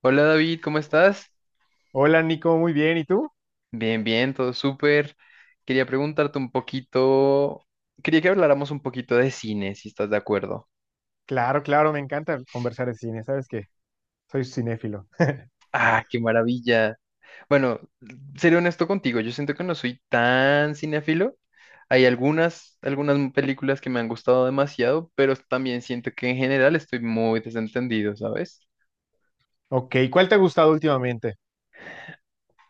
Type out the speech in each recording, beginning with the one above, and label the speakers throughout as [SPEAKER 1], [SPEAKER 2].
[SPEAKER 1] Hola David, ¿cómo estás?
[SPEAKER 2] Hola Nico, muy bien. ¿Y tú?
[SPEAKER 1] Bien, bien, todo súper. Quería preguntarte un poquito, quería que habláramos un poquito de cine, si estás de acuerdo.
[SPEAKER 2] Claro, claro, me encanta conversar de cine. Sabes que soy cinéfilo.
[SPEAKER 1] Ah, qué maravilla. Bueno, seré honesto contigo, yo siento que no soy tan cinéfilo. Hay algunas películas que me han gustado demasiado, pero también siento que en general estoy muy desentendido, ¿sabes?
[SPEAKER 2] Ok, ¿cuál te ha gustado últimamente?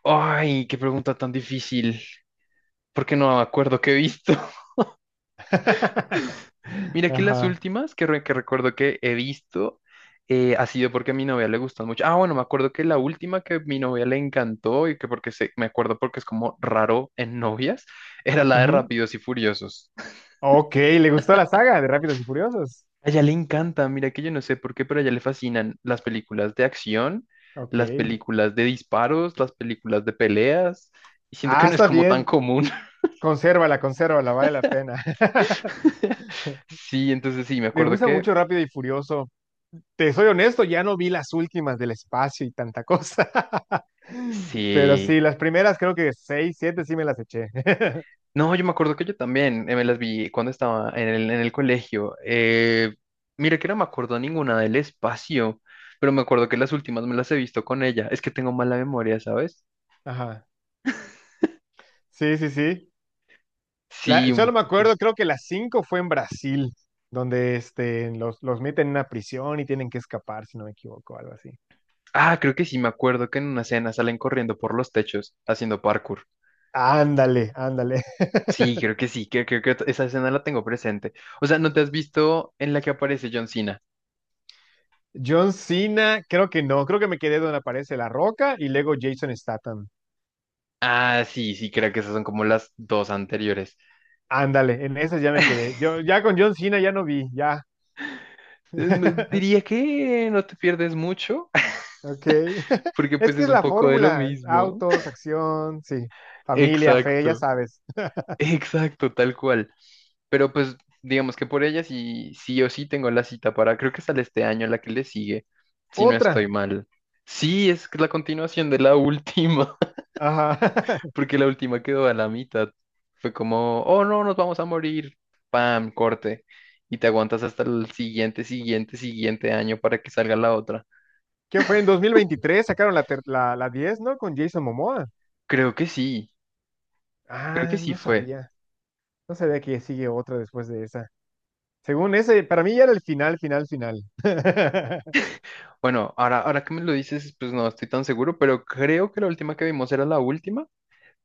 [SPEAKER 1] Ay, qué pregunta tan difícil, porque no me acuerdo qué he visto. Mira que las
[SPEAKER 2] Ajá.
[SPEAKER 1] últimas que recuerdo que he visto ha sido porque a mi novia le gustan mucho. Ah, bueno, me acuerdo que la última que mi novia le encantó y que me acuerdo porque es como raro en novias, era la de
[SPEAKER 2] Ujú.
[SPEAKER 1] Rápidos y Furiosos.
[SPEAKER 2] Ok, ¿le gustó la saga de Rápidos y Furiosos?
[SPEAKER 1] A ella le encanta, mira que yo no sé por qué, pero a ella le fascinan las películas de acción,
[SPEAKER 2] Ok.
[SPEAKER 1] las películas de disparos, las películas de peleas, y siento que
[SPEAKER 2] Ah,
[SPEAKER 1] no es
[SPEAKER 2] está
[SPEAKER 1] como tan
[SPEAKER 2] bien.
[SPEAKER 1] común.
[SPEAKER 2] Consérvala, consérvala, vale la pena.
[SPEAKER 1] Sí, entonces sí, me
[SPEAKER 2] Me
[SPEAKER 1] acuerdo
[SPEAKER 2] gusta
[SPEAKER 1] que
[SPEAKER 2] mucho Rápido y Furioso. Te soy honesto, ya no vi las últimas del espacio y tanta cosa. Pero
[SPEAKER 1] sí.
[SPEAKER 2] sí, las primeras creo que seis, siete sí me las eché.
[SPEAKER 1] No, yo me acuerdo que yo también me las vi cuando estaba en el colegio. Mira que no me acuerdo ninguna del espacio, pero me acuerdo que las últimas me las he visto con ella. Es que tengo mala memoria, ¿sabes?
[SPEAKER 2] Ajá. Sí, sí, sí.
[SPEAKER 1] Sí, un
[SPEAKER 2] Solo me
[SPEAKER 1] poco.
[SPEAKER 2] acuerdo, creo que las cinco fue en Brasil, donde este, los meten en una prisión y tienen que escapar, si no me equivoco, algo así.
[SPEAKER 1] Ah, creo que sí, me acuerdo que en una escena salen corriendo por los techos haciendo parkour.
[SPEAKER 2] Ándale, ándale.
[SPEAKER 1] Sí, creo que sí, creo que esa escena la tengo presente. O sea, ¿no te has visto en la que aparece John Cena?
[SPEAKER 2] John Cena, creo que no, creo que me quedé donde aparece La Roca y luego Jason Statham.
[SPEAKER 1] Ah, sí, sí, creo que esas son como las dos anteriores.
[SPEAKER 2] Ándale, en esas ya me quedé. Yo ya con John Cena ya no vi, ya.
[SPEAKER 1] Diría que no te pierdes mucho.
[SPEAKER 2] Ok.
[SPEAKER 1] Porque
[SPEAKER 2] Es
[SPEAKER 1] pues
[SPEAKER 2] que
[SPEAKER 1] es
[SPEAKER 2] es
[SPEAKER 1] un
[SPEAKER 2] la
[SPEAKER 1] poco de lo
[SPEAKER 2] fórmula,
[SPEAKER 1] mismo.
[SPEAKER 2] autos, acción, sí, familia, fe, ya
[SPEAKER 1] Exacto,
[SPEAKER 2] sabes.
[SPEAKER 1] exacto, tal cual. Pero pues digamos que por ella sí, sí o sí tengo la cita para, creo que sale este año la que le sigue, si no estoy
[SPEAKER 2] Otra.
[SPEAKER 1] mal. Sí, es la continuación de la última,
[SPEAKER 2] Ajá.
[SPEAKER 1] porque la última quedó a la mitad. Fue como, oh no, nos vamos a morir. Pam, corte. Y te aguantas hasta el siguiente año para que salga la otra.
[SPEAKER 2] ¿Qué fue? En 2023 sacaron la diez, ¿no? Con Jason Momoa.
[SPEAKER 1] Creo que sí, creo que
[SPEAKER 2] Ah,
[SPEAKER 1] sí
[SPEAKER 2] no
[SPEAKER 1] fue.
[SPEAKER 2] sabía. No sabía que sigue otra después de esa. Según ese, para mí ya era el final, final, final.
[SPEAKER 1] Bueno, ahora que me lo dices, pues no estoy tan seguro, pero creo que la última que vimos era la última,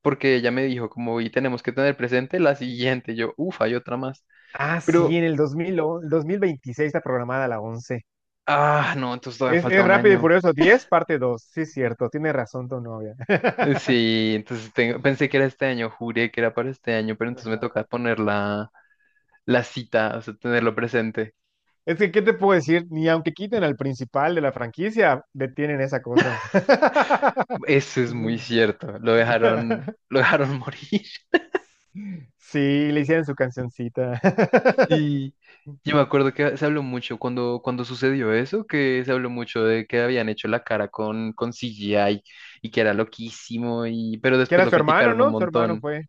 [SPEAKER 1] porque ella me dijo como, y tenemos que tener presente la siguiente, yo, uff, hay otra más,
[SPEAKER 2] Ah, sí,
[SPEAKER 1] pero,
[SPEAKER 2] en el 2000 el 2026 está programada la once.
[SPEAKER 1] ah, no, entonces todavía falta
[SPEAKER 2] Es
[SPEAKER 1] un
[SPEAKER 2] Rápido y
[SPEAKER 1] año.
[SPEAKER 2] Furioso 10 parte dos. Sí, es cierto. Tiene razón tu novia.
[SPEAKER 1] Sí, entonces pensé que era este año, juré que era para este año, pero entonces me
[SPEAKER 2] Ajá.
[SPEAKER 1] toca poner la, la cita, o sea, tenerlo presente.
[SPEAKER 2] Es que, ¿qué te puedo decir? Ni aunque quiten al principal de la franquicia, detienen esa cosa.
[SPEAKER 1] Eso es muy cierto, lo dejaron morir.
[SPEAKER 2] Sí, le hicieron su cancioncita.
[SPEAKER 1] Sí, yo me acuerdo que se habló mucho cuando sucedió eso, que se habló mucho de que habían hecho la cara con CGI y que era loquísimo, y, pero
[SPEAKER 2] Que
[SPEAKER 1] después
[SPEAKER 2] era
[SPEAKER 1] lo
[SPEAKER 2] su hermano,
[SPEAKER 1] criticaron un
[SPEAKER 2] ¿no? Su hermano
[SPEAKER 1] montón.
[SPEAKER 2] fue.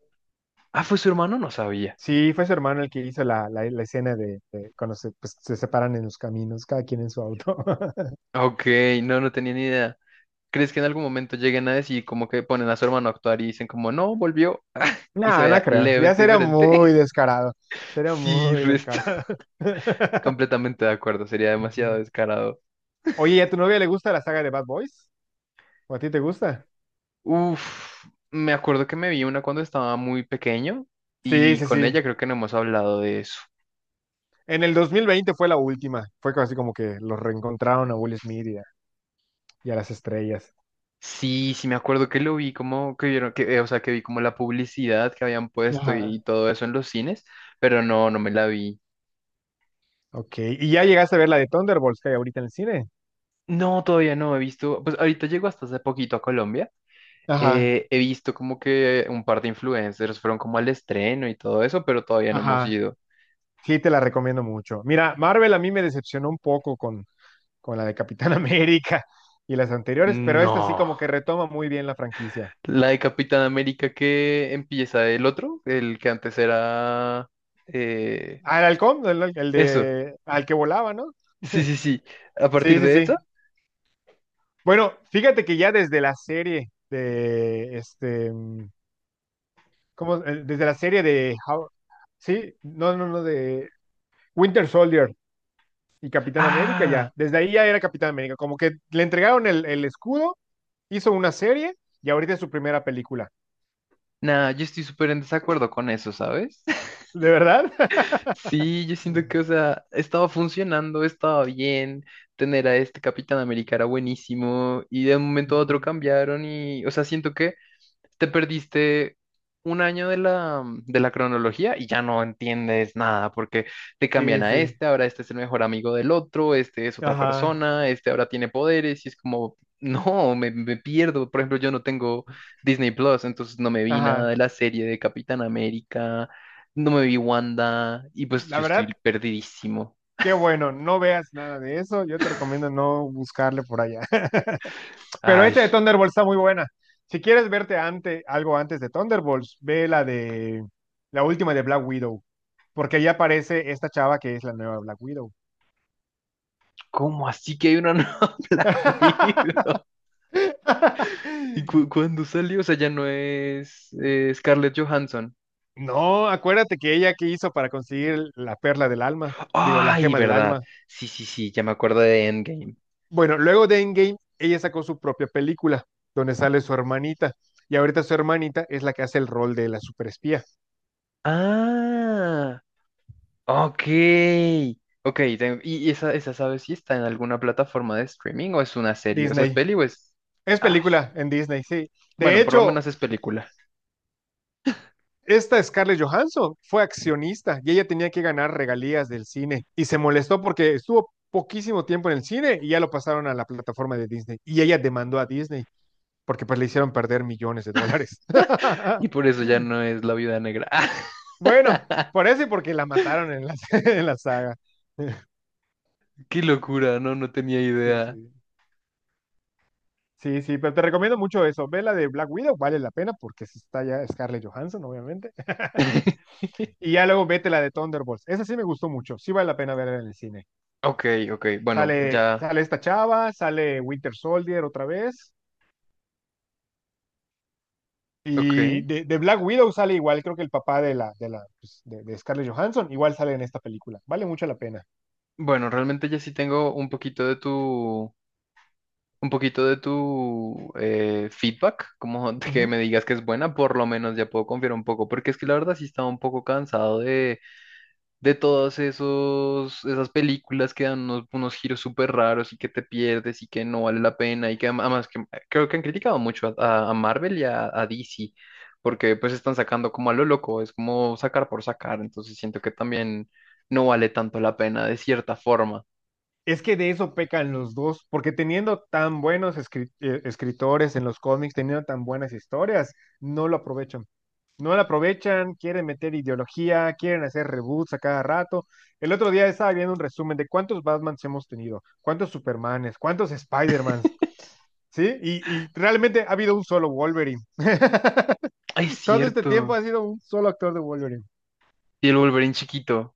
[SPEAKER 1] Ah, ¿fue su hermano? No sabía.
[SPEAKER 2] Sí, fue su hermano el que hizo la escena de cuando se, pues, se separan en los caminos, cada quien en su auto.
[SPEAKER 1] Ok, no, no tenía ni idea. ¿Crees que en algún momento lleguen a decir como que ponen a su hermano a actuar y dicen como no, volvió y se
[SPEAKER 2] No, no
[SPEAKER 1] vea
[SPEAKER 2] creo. Ya
[SPEAKER 1] levemente
[SPEAKER 2] sería
[SPEAKER 1] diferente?
[SPEAKER 2] muy descarado. Sería
[SPEAKER 1] Sí,
[SPEAKER 2] muy
[SPEAKER 1] resto.
[SPEAKER 2] descarado.
[SPEAKER 1] Completamente de acuerdo, sería demasiado
[SPEAKER 2] Ujú.
[SPEAKER 1] descarado.
[SPEAKER 2] Oye, ¿y a tu novia le gusta la saga de Bad Boys? ¿O a ti te gusta?
[SPEAKER 1] Uf, me acuerdo que me vi una cuando estaba muy pequeño
[SPEAKER 2] Sí,
[SPEAKER 1] y
[SPEAKER 2] sí,
[SPEAKER 1] con
[SPEAKER 2] sí.
[SPEAKER 1] ella creo que no hemos hablado de eso.
[SPEAKER 2] En el 2020 fue la última. Fue casi como que los reencontraron a Will Smith y a las estrellas.
[SPEAKER 1] Sí, sí me acuerdo que lo vi como que vieron que, o sea, que vi como la publicidad que habían puesto
[SPEAKER 2] Ajá.
[SPEAKER 1] y todo eso en los cines, pero no, no me la vi.
[SPEAKER 2] Ok, ¿y ya llegaste a ver la de Thunderbolts que hay ahorita en el cine?
[SPEAKER 1] No, todavía no he visto, pues ahorita llego hasta hace poquito a Colombia.
[SPEAKER 2] Ajá,
[SPEAKER 1] He visto como que un par de influencers fueron como al estreno y todo eso, pero todavía no hemos
[SPEAKER 2] ajá.
[SPEAKER 1] ido.
[SPEAKER 2] Sí, te la recomiendo mucho. Mira, Marvel a mí me decepcionó un poco con la de Capitán América y las anteriores, pero esta sí como que
[SPEAKER 1] No.
[SPEAKER 2] retoma muy bien la franquicia.
[SPEAKER 1] La de Capitán América que empieza el otro, el que antes era... eh,
[SPEAKER 2] Al halcón, el
[SPEAKER 1] eso,
[SPEAKER 2] de al que volaba, ¿no?
[SPEAKER 1] sí, sí, sí. A
[SPEAKER 2] Sí,
[SPEAKER 1] partir
[SPEAKER 2] sí,
[SPEAKER 1] de eso...
[SPEAKER 2] sí. Bueno, fíjate que ya desde la serie de este, ¿cómo? Desde la serie de How, sí, no, no, no, de Winter Soldier y Capitán América,
[SPEAKER 1] Ah,
[SPEAKER 2] ya. Desde ahí ya era Capitán América. Como que le entregaron el escudo, hizo una serie y ahorita es su primera película.
[SPEAKER 1] nada, yo estoy súper en desacuerdo con eso, ¿sabes?
[SPEAKER 2] ¿De verdad?
[SPEAKER 1] Sí, yo siento que, o sea, estaba funcionando, estaba bien, tener a este Capitán América era buenísimo y de un momento a otro
[SPEAKER 2] Ujú.
[SPEAKER 1] cambiaron y, o sea, siento que te perdiste un año de la cronología y ya no entiendes nada porque te cambian
[SPEAKER 2] Sí,
[SPEAKER 1] a
[SPEAKER 2] sí.
[SPEAKER 1] este, ahora este es el mejor amigo del otro, este es otra
[SPEAKER 2] Ajá,
[SPEAKER 1] persona, este ahora tiene poderes y es como, no, me pierdo. Por ejemplo, yo no tengo Disney Plus, entonces no me vi nada de
[SPEAKER 2] ajá.
[SPEAKER 1] la serie de Capitán América. No me vi Wanda y pues
[SPEAKER 2] La
[SPEAKER 1] yo estoy
[SPEAKER 2] verdad,
[SPEAKER 1] perdidísimo.
[SPEAKER 2] qué bueno. No veas nada de eso. Yo te recomiendo no buscarle por allá. Pero
[SPEAKER 1] Ay,
[SPEAKER 2] esta de Thunderbolts está muy buena. Si quieres algo antes de Thunderbolts, ve la última de Black Widow. Porque ahí aparece esta chava que es la nueva Black Widow.
[SPEAKER 1] ¿cómo así que hay una nueva Black Widow? ¿Y cuándo salió? O sea, ya no es Scarlett Johansson.
[SPEAKER 2] No, acuérdate que ella que hizo para conseguir la perla del alma, digo, la
[SPEAKER 1] Ay,
[SPEAKER 2] gema del
[SPEAKER 1] verdad.
[SPEAKER 2] alma.
[SPEAKER 1] Sí, sí, sí, ya me acuerdo de Endgame.
[SPEAKER 2] Bueno, luego de Endgame, ella sacó su propia película, donde sale su hermanita, y ahorita su hermanita es la que hace el rol de la superespía.
[SPEAKER 1] Ah, ok. Ok, ¿y esa, esa sabes si está en alguna plataforma de streaming o es una serie? O sea, ¿es
[SPEAKER 2] Disney.
[SPEAKER 1] peli o es...
[SPEAKER 2] Es
[SPEAKER 1] Ay,
[SPEAKER 2] película en Disney, sí. De
[SPEAKER 1] bueno, por lo
[SPEAKER 2] hecho,
[SPEAKER 1] menos es película.
[SPEAKER 2] esta Scarlett Johansson fue accionista y ella tenía que ganar regalías del cine y se molestó porque estuvo poquísimo tiempo en el cine y ya lo pasaron a la plataforma de Disney y ella demandó a Disney porque pues le hicieron perder millones de dólares.
[SPEAKER 1] Y por eso ya no es La Viuda Negra.
[SPEAKER 2] Bueno, por eso y porque la mataron en la, en la saga.
[SPEAKER 1] Qué locura, no, no tenía
[SPEAKER 2] Sí,
[SPEAKER 1] idea.
[SPEAKER 2] sí. Sí, sí, pero te recomiendo mucho eso. Ve la de Black Widow, vale la pena porque sí está ya Scarlett Johansson, obviamente. Y ya luego vete la de Thunderbolts. Esa sí me gustó mucho. Sí vale la pena verla en el cine.
[SPEAKER 1] Ok, ok, bueno,
[SPEAKER 2] Sale,
[SPEAKER 1] ya,
[SPEAKER 2] sale esta chava, sale Winter Soldier otra vez. Y
[SPEAKER 1] ok.
[SPEAKER 2] de Black Widow sale igual, creo que el papá de la, pues, de Scarlett Johansson, igual sale en esta película. Vale mucho la pena.
[SPEAKER 1] Bueno, realmente ya sí tengo un poquito de tu, un poquito de tu feedback, como de que me
[SPEAKER 2] Ujú.
[SPEAKER 1] digas que es buena, por lo menos ya puedo confiar un poco, porque es que la verdad sí estaba un poco cansado de esas películas que dan unos, unos giros súper raros y que te pierdes y que no vale la pena y que además que, creo que han criticado mucho Marvel y a DC porque pues están sacando como a lo loco, es como sacar por sacar, entonces siento que también no vale tanto la pena de cierta forma.
[SPEAKER 2] Es que de eso pecan los dos, porque teniendo tan escritores en los cómics, teniendo tan buenas historias, no lo aprovechan. No lo aprovechan, quieren meter ideología, quieren hacer reboots a cada rato. El otro día estaba viendo un resumen de cuántos Batmans hemos tenido, cuántos Supermanes, cuántos Spidermans, ¿sí? Y realmente ha habido un solo Wolverine.
[SPEAKER 1] Ay, es
[SPEAKER 2] Todo este tiempo
[SPEAKER 1] cierto.
[SPEAKER 2] ha sido un solo actor de Wolverine.
[SPEAKER 1] Y el Wolverine chiquito.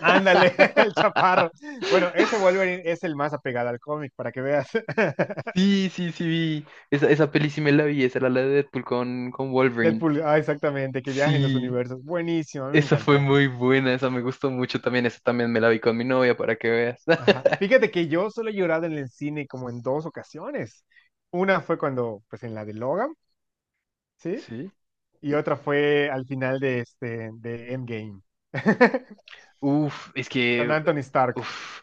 [SPEAKER 2] Ándale, el chaparro. Bueno, ese Wolverine es el más apegado al cómic, para que veas.
[SPEAKER 1] Sí, sí, sí, vi. Esa peli sí me la vi, esa era la de Deadpool con Wolverine.
[SPEAKER 2] Deadpool, ah, exactamente, que viaja en los
[SPEAKER 1] Sí.
[SPEAKER 2] universos. Buenísimo, a mí me
[SPEAKER 1] Esa fue
[SPEAKER 2] encantó.
[SPEAKER 1] muy buena, esa me gustó mucho también. Esa también me la vi con mi novia para que veas.
[SPEAKER 2] Ajá. Fíjate que yo solo he llorado en el cine como en dos ocasiones. Una fue cuando, pues en la de Logan, ¿sí?
[SPEAKER 1] Sí.
[SPEAKER 2] Y otra fue al final de este, de Endgame,
[SPEAKER 1] Uf, es
[SPEAKER 2] con
[SPEAKER 1] que,
[SPEAKER 2] Anthony Stark.
[SPEAKER 1] uf,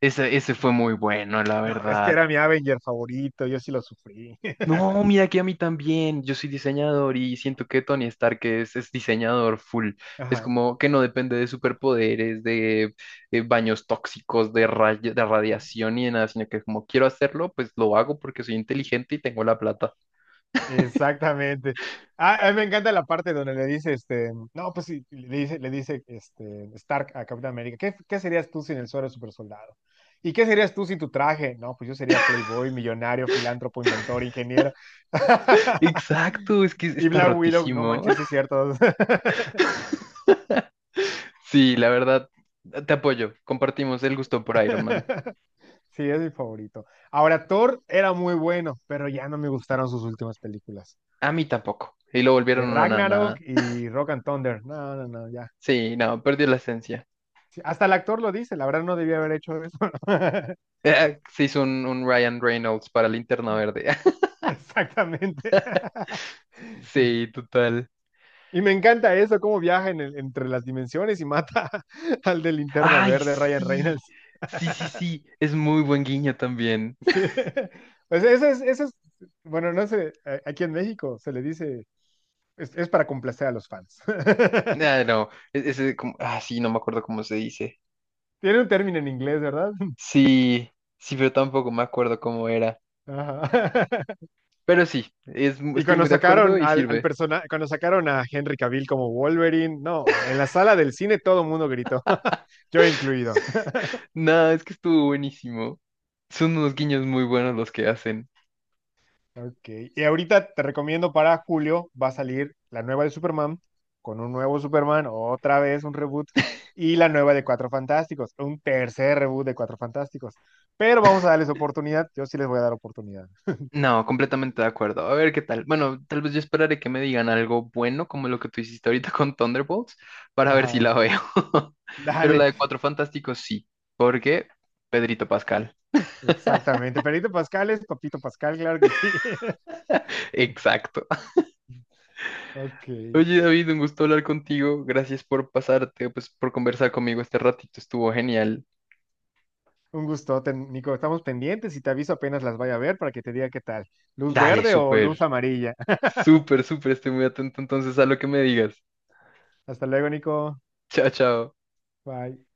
[SPEAKER 1] ese, ese fue muy bueno, la
[SPEAKER 2] No, es que
[SPEAKER 1] verdad.
[SPEAKER 2] era mi Avenger favorito, yo sí lo sufrí.
[SPEAKER 1] No, mira que a mí también, yo soy diseñador y siento que Tony Stark es diseñador full. Es
[SPEAKER 2] Ajá.
[SPEAKER 1] como que no depende de superpoderes, de, baños tóxicos, de, de radiación y de nada, sino que como quiero hacerlo, pues lo hago porque soy inteligente y tengo la plata.
[SPEAKER 2] Exactamente. Ah, a mí me encanta la parte donde le dice, este, no, pues sí, le dice, este, Stark a Capitán América, ¿ qué serías tú sin el suero de supersoldado? ¿Y qué serías tú sin tu traje? No, pues yo sería playboy, millonario, filántropo, inventor, ingeniero.
[SPEAKER 1] Exacto, es que
[SPEAKER 2] Y
[SPEAKER 1] está
[SPEAKER 2] Black Widow, no
[SPEAKER 1] rotísimo.
[SPEAKER 2] manches, sí es cierto.
[SPEAKER 1] Sí, la verdad, te apoyo. Compartimos el gusto por Iron Man.
[SPEAKER 2] Sí, es mi favorito. Ahora, Thor era muy bueno, pero ya no me gustaron sus últimas películas.
[SPEAKER 1] A mí tampoco. Y lo volvieron
[SPEAKER 2] De
[SPEAKER 1] una
[SPEAKER 2] Ragnarok
[SPEAKER 1] nada.
[SPEAKER 2] y Rock and Thunder. No, no, no, ya.
[SPEAKER 1] Sí, no, perdió la esencia.
[SPEAKER 2] Sí, hasta el actor lo dice, la verdad no debía haber hecho eso.
[SPEAKER 1] Se hizo un Ryan Reynolds para Linterna Verde.
[SPEAKER 2] Exactamente.
[SPEAKER 1] Sí, total.
[SPEAKER 2] Y me encanta eso, cómo viaja entre las dimensiones y mata al de Linterna
[SPEAKER 1] Ay,
[SPEAKER 2] Verde, Ryan
[SPEAKER 1] sí.
[SPEAKER 2] Reynolds.
[SPEAKER 1] Sí, sí, sí. Es muy buen guiño también.
[SPEAKER 2] Sí. Pues eso es, bueno, no sé, a- aquí en México se le dice, es para complacer a los fans.
[SPEAKER 1] Ah, no. Ese, ah, sí, no me acuerdo cómo se dice.
[SPEAKER 2] Tiene un término en inglés, ¿verdad?
[SPEAKER 1] Sí, sí, pero tampoco me acuerdo cómo era.
[SPEAKER 2] Ajá.
[SPEAKER 1] Pero sí,
[SPEAKER 2] Y
[SPEAKER 1] estoy
[SPEAKER 2] cuando
[SPEAKER 1] muy de
[SPEAKER 2] sacaron
[SPEAKER 1] acuerdo y sirve.
[SPEAKER 2] cuando sacaron a Henry Cavill como Wolverine, no, en la sala del cine todo el mundo gritó, yo incluido.
[SPEAKER 1] No, es que estuvo buenísimo. Son unos guiños muy buenos los que hacen.
[SPEAKER 2] Ok. Y ahorita te recomiendo para julio, va a salir la nueva de Superman, con un nuevo Superman, otra vez un reboot, y la nueva de Cuatro Fantásticos, un tercer reboot de Cuatro Fantásticos. Pero vamos a darles oportunidad, yo sí les voy a dar oportunidad.
[SPEAKER 1] No, completamente de acuerdo. A ver qué tal. Bueno, tal vez yo esperaré que me digan algo bueno, como lo que tú hiciste ahorita con Thunderbolts, para ver si la
[SPEAKER 2] Ajá.
[SPEAKER 1] veo. Pero la
[SPEAKER 2] Dale,
[SPEAKER 1] de Cuatro Fantásticos sí, porque Pedrito Pascal.
[SPEAKER 2] exactamente. Perito Pascal es Papito Pascal, claro que sí.
[SPEAKER 1] Exacto.
[SPEAKER 2] Ok.
[SPEAKER 1] Oye, David, un gusto hablar contigo. Gracias por pasarte, pues por conversar conmigo este ratito. Estuvo genial.
[SPEAKER 2] Un gustote, Nico. Estamos pendientes y te aviso apenas las vaya a ver para que te diga qué tal. ¿Luz
[SPEAKER 1] Dale,
[SPEAKER 2] verde o luz
[SPEAKER 1] súper.
[SPEAKER 2] amarilla?
[SPEAKER 1] Súper, súper. Estoy muy atento entonces a lo que me digas.
[SPEAKER 2] Hasta luego, Nico.
[SPEAKER 1] Chao, chao.
[SPEAKER 2] Bye.